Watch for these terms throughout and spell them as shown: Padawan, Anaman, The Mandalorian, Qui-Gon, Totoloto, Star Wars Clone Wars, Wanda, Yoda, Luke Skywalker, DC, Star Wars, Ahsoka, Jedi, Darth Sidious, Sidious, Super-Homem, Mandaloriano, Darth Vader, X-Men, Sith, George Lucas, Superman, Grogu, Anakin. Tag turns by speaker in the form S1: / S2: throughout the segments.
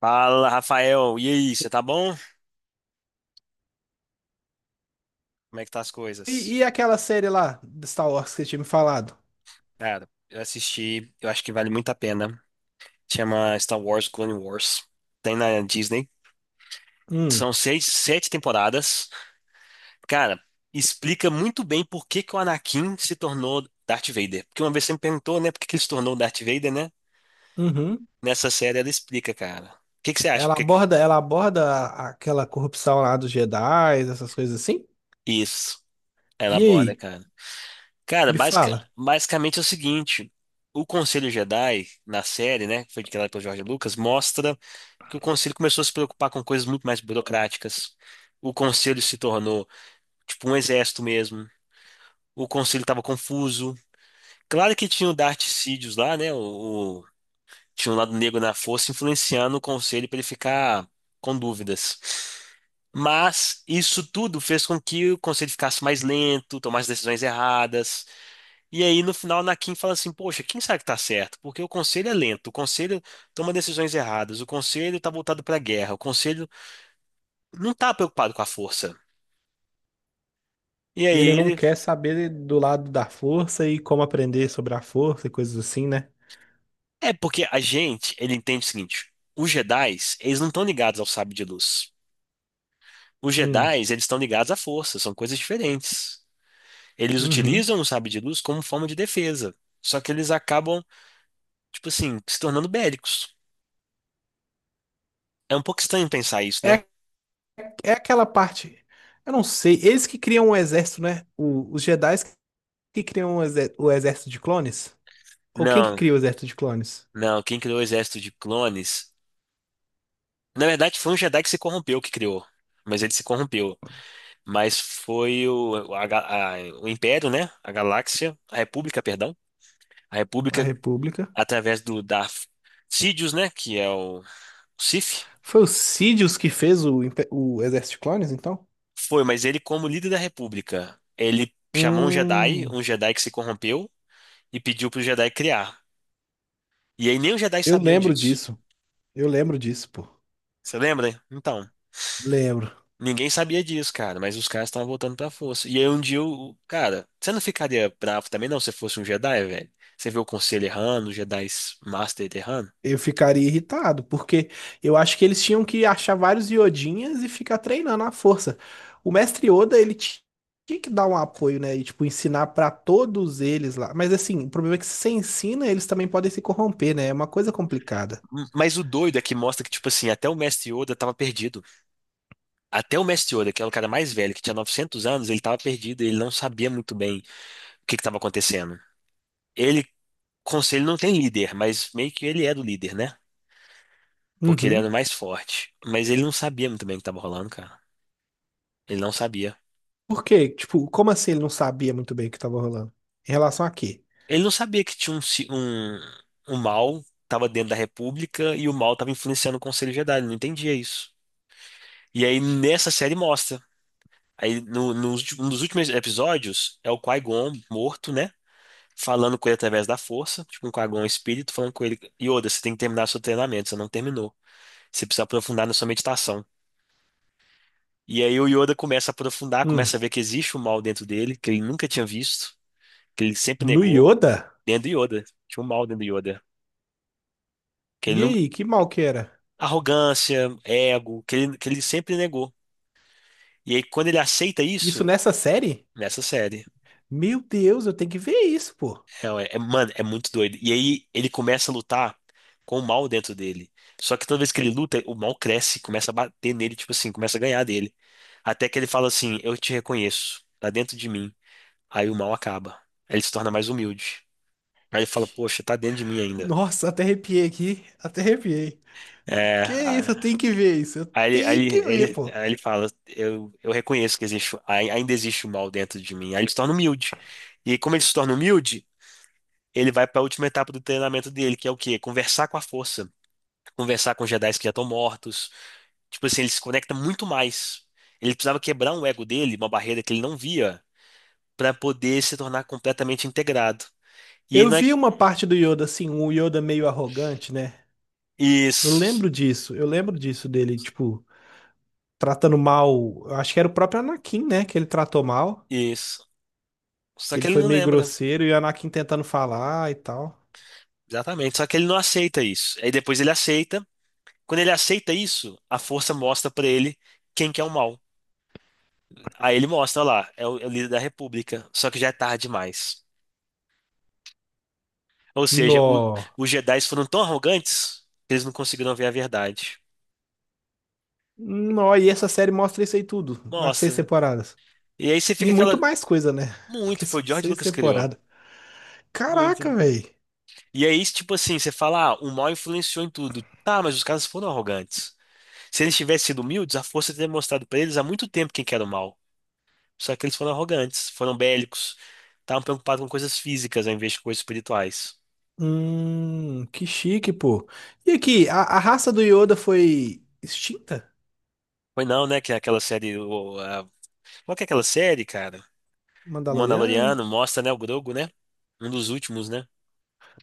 S1: Fala, Rafael. E aí, você tá bom? Como é que tá as
S2: E,
S1: coisas?
S2: e aquela série lá, de Star Wars, que você tinha me falado?
S1: Cara, eu assisti, eu acho que vale muito a pena. Chama Star Wars Clone Wars. Tem na Disney.
S2: Hum,
S1: São 6, 7 temporadas. Cara, explica muito bem por que que o Anakin se tornou Darth Vader. Porque uma vez você me perguntou, né, por que que ele se tornou Darth Vader, né?
S2: uhum.
S1: Nessa série ela explica, cara. O que que você acha?
S2: Ela aborda, ela aborda aquela corrupção lá dos Jedi, essas coisas assim?
S1: Isso, ela
S2: E
S1: aborda,
S2: aí?
S1: cara. Cara,
S2: Me fala.
S1: basicamente é o seguinte: o Conselho Jedi, na série, né, que foi criada pelo George Lucas, mostra que o Conselho começou a se preocupar com coisas muito mais burocráticas. O Conselho se tornou, tipo, um exército mesmo. O Conselho estava confuso. Claro que tinha o Darth Sidious lá, né? Tinha um lado negro na força influenciando o Conselho para ele ficar com dúvidas. Mas isso tudo fez com que o Conselho ficasse mais lento, tomasse decisões erradas. E aí, no final, na Kim fala assim: poxa, quem sabe que tá certo? Porque o conselho é lento, o conselho toma decisões erradas, o conselho tá voltado pra guerra, o conselho não tá preocupado com a força. E
S2: Ele
S1: aí
S2: não
S1: ele.
S2: quer saber do lado da força e como aprender sobre a força e coisas assim, né?
S1: É porque a gente, ele entende o seguinte: os Jedis, eles não estão ligados ao sábio de luz. Os
S2: Hum,
S1: Jedis, eles estão ligados à força, são coisas diferentes. Eles
S2: uhum.
S1: utilizam o sábio de luz como forma de defesa, só que eles acabam, tipo assim, se tornando bélicos. É um pouco estranho pensar isso, né?
S2: É, é aquela parte. Eu não sei. Eles que criam o exército, né? Os Jedi que criam o exército de clones? Ou quem que
S1: Não,
S2: cria o exército de clones?
S1: não, quem criou o exército de clones. Na verdade, foi um Jedi que se corrompeu que criou. Mas ele se corrompeu. Mas foi a- o Império, né? A Galáxia, a República, perdão. A
S2: A
S1: República,
S2: República.
S1: através do Darth Sidious, né? Que é o Sith.
S2: Foi o Sidious que fez o Exército de Clones, então?
S1: Foi, mas ele, como líder da República, ele chamou
S2: Hum,
S1: um Jedi que se corrompeu, e pediu pro Jedi criar. E aí nem os Jedi
S2: eu
S1: sabiam
S2: lembro
S1: disso.
S2: disso. Eu lembro disso, pô.
S1: Você lembra? Então.
S2: Lembro.
S1: Ninguém sabia disso, cara, mas os caras estavam voltando pra força. E aí um dia, cara, você não ficaria bravo também, não, se fosse um Jedi, velho? Você vê o Conselho errando, os Jedi Master errando.
S2: Eu ficaria irritado, porque eu acho que eles tinham que achar vários Iodinhas e ficar treinando à força. O mestre Yoda, ele tinha que dar um apoio, né? E, tipo, ensinar pra todos eles lá. Mas, assim, o problema é que se você ensina, eles também podem se corromper, né? É uma coisa complicada.
S1: Mas o doido é que mostra que, tipo assim, até o Mestre Yoda tava perdido. Até o Mestre Yoda, que era o cara mais velho, que tinha 900 anos, ele tava perdido, ele não sabia muito bem o que que tava acontecendo. Ele, Conselho não tem líder, mas meio que ele era o líder, né? Porque ele era o
S2: Uhum.
S1: mais forte. Mas ele não sabia muito bem o que tava rolando, cara. Ele não sabia.
S2: Por quê? Tipo, como assim ele não sabia muito bem o que tava rolando? Em relação a quê?
S1: Ele não sabia que tinha um mal, estava dentro da República, e o mal estava influenciando o Conselho Jedi, ele não entendia isso. E aí nessa série mostra. Aí no, nos ulti- Um dos últimos episódios é o Qui-Gon morto, né? Falando com ele através da força, tipo um Qui-Gon espírito falando com ele: Yoda, você tem que terminar seu treinamento, você não terminou. Você precisa aprofundar na sua meditação. E aí o Yoda começa a aprofundar,
S2: Hum,
S1: começa a ver que existe um mal dentro dele, que ele nunca tinha visto, que ele sempre
S2: no
S1: negou,
S2: Yoda?
S1: dentro do Yoda. Tinha um mal dentro do Yoda. Que ele
S2: E
S1: não,
S2: aí, que mal que era?
S1: arrogância, ego, que ele sempre negou. E aí, quando ele aceita
S2: Isso
S1: isso,
S2: nessa série?
S1: nessa série,
S2: Meu Deus, eu tenho que ver isso, pô.
S1: é, mano, é muito doido. E aí, ele começa a lutar com o mal dentro dele. Só que toda vez que ele luta, o mal cresce, começa a bater nele, tipo assim, começa a ganhar dele. Até que ele fala assim: eu te reconheço, tá dentro de mim. Aí o mal acaba. Aí ele se torna mais humilde. Aí ele
S2: Que-
S1: fala: poxa, tá dentro de mim ainda.
S2: Nossa, até arrepiei aqui, até arrepiei. Que isso, eu
S1: É.
S2: tenho que ver isso, eu
S1: Aí, ele, aí
S2: tenho que
S1: ele,
S2: ver,
S1: ele-
S2: pô.
S1: aí ele fala: eu reconheço que existe, ainda existe o mal dentro de mim. Aí ele se torna humilde. E como ele se torna humilde, ele vai para a última etapa do treinamento dele, que é o quê? Conversar com a força, conversar com Jedi que já estão mortos. Tipo assim, ele se conecta muito mais. Ele precisava quebrar um ego dele, uma barreira que ele não via, para poder se tornar completamente integrado. E ele
S2: Eu
S1: não é...
S2: vi uma parte do Yoda, assim, um Yoda meio arrogante, né? Eu
S1: Isso,
S2: lembro disso, eu lembro disso dele, tipo, tratando mal. Eu acho que era o próprio Anakin, né? Que ele tratou mal,
S1: isso. Só
S2: que
S1: que
S2: ele
S1: ele
S2: foi
S1: não
S2: meio
S1: lembra.
S2: grosseiro e o Anakin tentando falar e tal.
S1: Exatamente. Só que ele não aceita isso. Aí depois ele aceita. Quando ele aceita isso, a força mostra pra ele quem que é o mal. Aí ele mostra: olha lá, é o líder da República, só que já é tarde demais. Ou seja,
S2: Nó.
S1: os Jedi foram tão arrogantes que eles não conseguiram ver a verdade.
S2: Nó, e essa série mostra isso aí tudo, nas seis
S1: Mostra.
S2: temporadas.
S1: E aí você
S2: E
S1: fica
S2: muito
S1: aquela.
S2: mais coisa, né?
S1: Muito,
S2: Porque
S1: foi
S2: são
S1: o George
S2: seis
S1: Lucas que criou.
S2: temporadas. Caraca,
S1: Muito.
S2: velho.
S1: E aí, tipo assim, você fala: ah, o mal influenciou em tudo. Tá, mas os caras foram arrogantes. Se eles tivessem sido humildes, a força teria mostrado pra eles há muito tempo quem que era o mal. Só que eles foram arrogantes, foram bélicos, estavam preocupados com coisas físicas ao invés de coisas espirituais.
S2: Que chique, pô. E aqui, a raça do Yoda foi extinta?
S1: Foi não, né? Que aquela série. Qual que é aquela série, cara? O
S2: Mandaloriano?
S1: Mandaloriano mostra, né? O Grogu, né? Um dos últimos, né?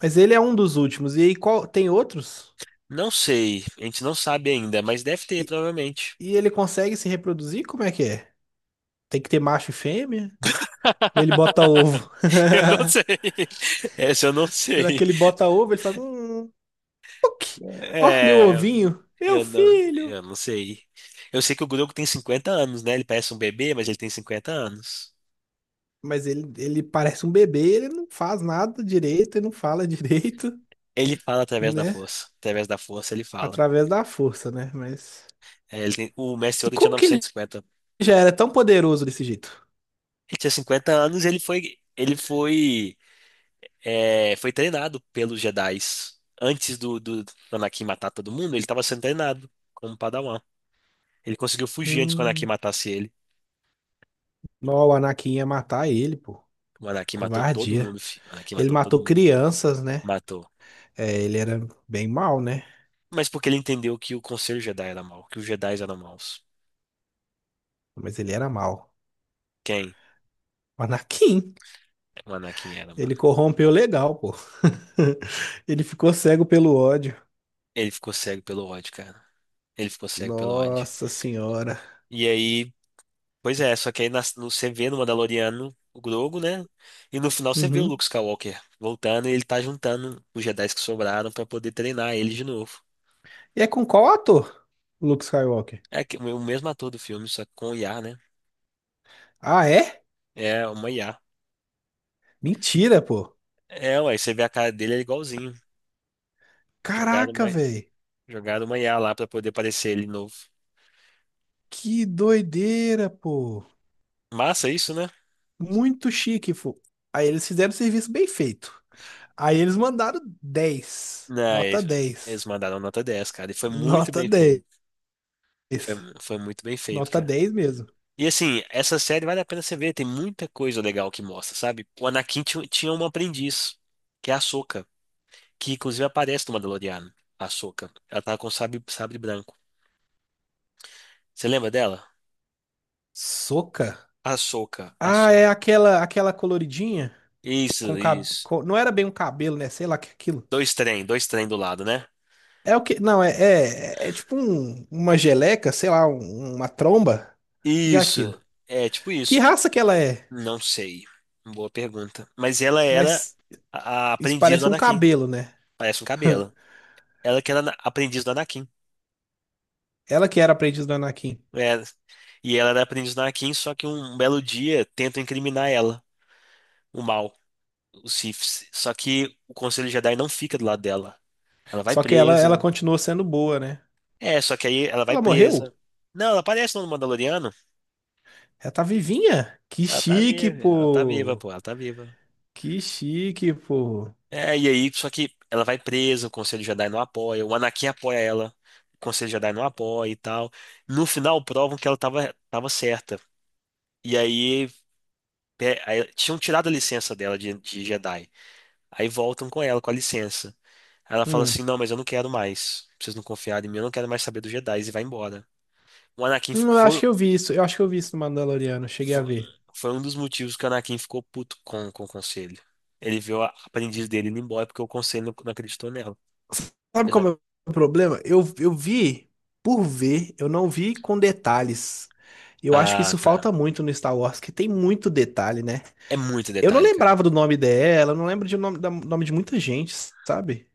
S2: Mas ele é um dos últimos. E aí, qual, tem outros?
S1: Não sei, a gente não sabe ainda, mas deve ter,
S2: E,
S1: provavelmente.
S2: e ele consegue se reproduzir? Como é que é? Tem que ter macho e fêmea? Ou ele bota ovo?
S1: Eu não sei. Essa eu não
S2: Será que
S1: sei.
S2: ele bota ovo? Ele faz. Puc. Ó, meu
S1: É,
S2: ovinho. Meu
S1: eu não,
S2: filho.
S1: eu não sei. Eu sei que o Grogu tem 50 anos, né? Ele parece um bebê, mas ele tem 50 anos.
S2: Mas ele parece um bebê, ele não faz nada direito e não fala direito,
S1: Ele fala através da
S2: né?
S1: força. Através da força ele fala.
S2: Através da força, né? Mas.
S1: É, o mestre
S2: E
S1: Yoda tinha
S2: como que ele
S1: 950.
S2: já era tão poderoso desse jeito?
S1: Ele tinha 50 anos, e ele foi treinado pelos Jedis. Antes do Anakin matar todo mundo, ele estava sendo treinado como Padawan. Ele conseguiu fugir antes que o Anakin
S2: Hum,
S1: matasse ele.
S2: não, o Anakin ia matar ele, pô.
S1: O Anakin matou todo
S2: Covardia.
S1: mundo, filho. O Anakin
S2: Ele
S1: matou todo
S2: matou
S1: mundo.
S2: crianças, né?
S1: Matou.
S2: É, ele era bem mal, né?
S1: Mas porque ele entendeu que o Conselho Jedi era mau, que os Jedis eram maus.
S2: Mas ele era mal.
S1: Quem?
S2: O Anakin,
S1: O Anakin era,
S2: ele
S1: mano.
S2: corrompeu legal, pô. Ele ficou cego pelo ódio.
S1: Ele ficou cego pelo ódio, cara. Ele ficou cego pelo ódio.
S2: Nossa senhora.
S1: E aí. Pois é, só que aí você vê no Mandaloriano o Grogu, né? E no final você vê o
S2: Uhum.
S1: Luke Skywalker voltando e ele tá juntando os Jedi que sobraram pra poder treinar ele de novo.
S2: E é com qual ator? Luke Skywalker.
S1: O mesmo ator do filme, só que com IA, né?
S2: Ah, é?
S1: É uma IA.
S2: Mentira, pô.
S1: É, ué, você vê a cara dele, é igualzinho. Jogaram
S2: Caraca,
S1: uma,
S2: velho.
S1: jogaram uma IA lá pra poder aparecer ele novo.
S2: Que doideira, pô.
S1: Massa isso, né?
S2: Muito chique, pô. Aí eles fizeram o serviço bem feito. Aí eles mandaram 10.
S1: Não,
S2: Nota
S1: eles
S2: 10.
S1: eles mandaram nota 10, cara. E foi muito
S2: Nota
S1: bem
S2: 10.
S1: feito. Foi, foi muito bem feito,
S2: Nota
S1: cara.
S2: dez mesmo.
S1: E assim, essa série vale a pena você ver, tem muita coisa legal que mostra, sabe? O Anakin tinha uma aprendiz, que é a Ahsoka, que inclusive aparece no Mandaloriano, a Ahsoka. Ela tá com sabre branco. Você lembra dela?
S2: Soca.
S1: Ahsoka,
S2: Ah, é
S1: Ahsoka.
S2: aquela coloridinha com
S1: Isso, isso.
S2: não era bem um cabelo, né? Sei lá que é aquilo.
S1: Dois trem do lado, né?
S2: É o que? Não, é tipo uma geleca, sei lá, uma tromba. O que que é
S1: Isso,
S2: aquilo?
S1: é tipo
S2: Que
S1: isso.
S2: raça que ela é?
S1: Não sei. Boa pergunta. Mas ela era
S2: Mas
S1: a
S2: isso
S1: aprendiz do
S2: parece um
S1: Anakin.
S2: cabelo, né?
S1: Parece um cabelo. Ela que era aprendiz do Anakin.
S2: Ela que era aprendiz do Anakin.
S1: É. E ela era aprendiz do Anakin, só que um belo dia tentam incriminar ela, o mal, os Siths. Só que o Conselho Jedi não fica do lado dela. Ela vai
S2: Só que ela
S1: presa.
S2: continuou sendo boa, né?
S1: É, só que aí ela vai
S2: Ela
S1: presa.
S2: morreu?
S1: Não, ela aparece no Mandaloriano.
S2: Ela tá vivinha? Que chique,
S1: Ela tá viva,
S2: pô!
S1: pô, ela tá viva.
S2: Que chique, pô!
S1: É, e aí, só que ela vai presa, o Conselho Jedi não apoia, o Anakin apoia ela, o Conselho Jedi não apoia e tal. No final, provam que ela tava certa. E aí, aí tinham tirado a licença dela de Jedi. Aí voltam com ela, com a licença. Aí ela fala
S2: Hum.
S1: assim: não, mas eu não quero mais. Vocês não confiaram em mim, eu não quero mais saber dos Jedi. E vai embora. O Anakin
S2: Eu acho que eu vi isso. Eu acho que eu vi isso no Mandaloriano. Eu cheguei a
S1: foi,
S2: ver.
S1: foi um dos motivos que o Anakin ficou puto com o conselho. Ele viu a aprendiz dele indo embora porque o conselho não acreditou nela.
S2: Sabe
S1: Eles
S2: qual
S1: não-
S2: é o meu problema? Eu vi por ver, eu não vi com detalhes. Eu acho que
S1: Ah,
S2: isso
S1: tá.
S2: falta muito no Star Wars, que tem muito detalhe, né?
S1: É muito
S2: Eu não
S1: detalhe,
S2: lembrava
S1: cara.
S2: do nome dela, eu não lembro de nome, nome de muita gente, sabe?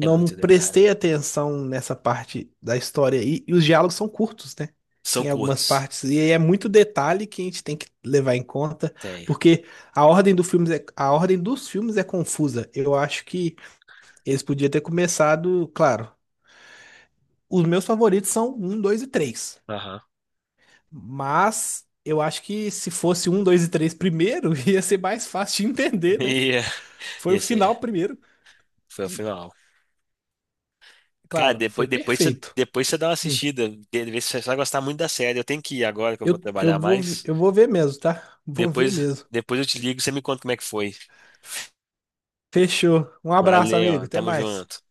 S1: É muito detalhe.
S2: prestei atenção nessa parte da história aí, e os diálogos são curtos, né?
S1: São
S2: Em algumas
S1: curtos.
S2: partes. E é muito detalhe que a gente tem que levar em conta,
S1: Tem.
S2: porque a ordem do filme é, a ordem dos filmes é confusa. Eu acho que eles podiam ter começado, claro, os meus favoritos são 1, 2 e 3.
S1: Aham.
S2: Mas eu acho que se fosse 1, 2 e 3 primeiro, ia ser mais fácil de entender, né?
S1: E,
S2: Foi
S1: e
S2: o
S1: esse
S2: final primeiro.
S1: foi o
S2: E,
S1: final. Cara,
S2: claro,
S1: depois,
S2: foi
S1: depois você,
S2: perfeito.
S1: depois você dá uma
S2: Hum.
S1: assistida, vê se você vai gostar muito da série. Eu tenho que ir agora que eu vou
S2: Eu,
S1: trabalhar
S2: eu vou, vi-
S1: mais.
S2: eu vou ver mesmo, tá? Vou
S1: Depois,
S2: ver mesmo.
S1: depois eu te ligo e você me conta como é que foi.
S2: Fechou. Um abraço, amigo.
S1: Valeu,
S2: Até
S1: tamo
S2: mais.
S1: junto.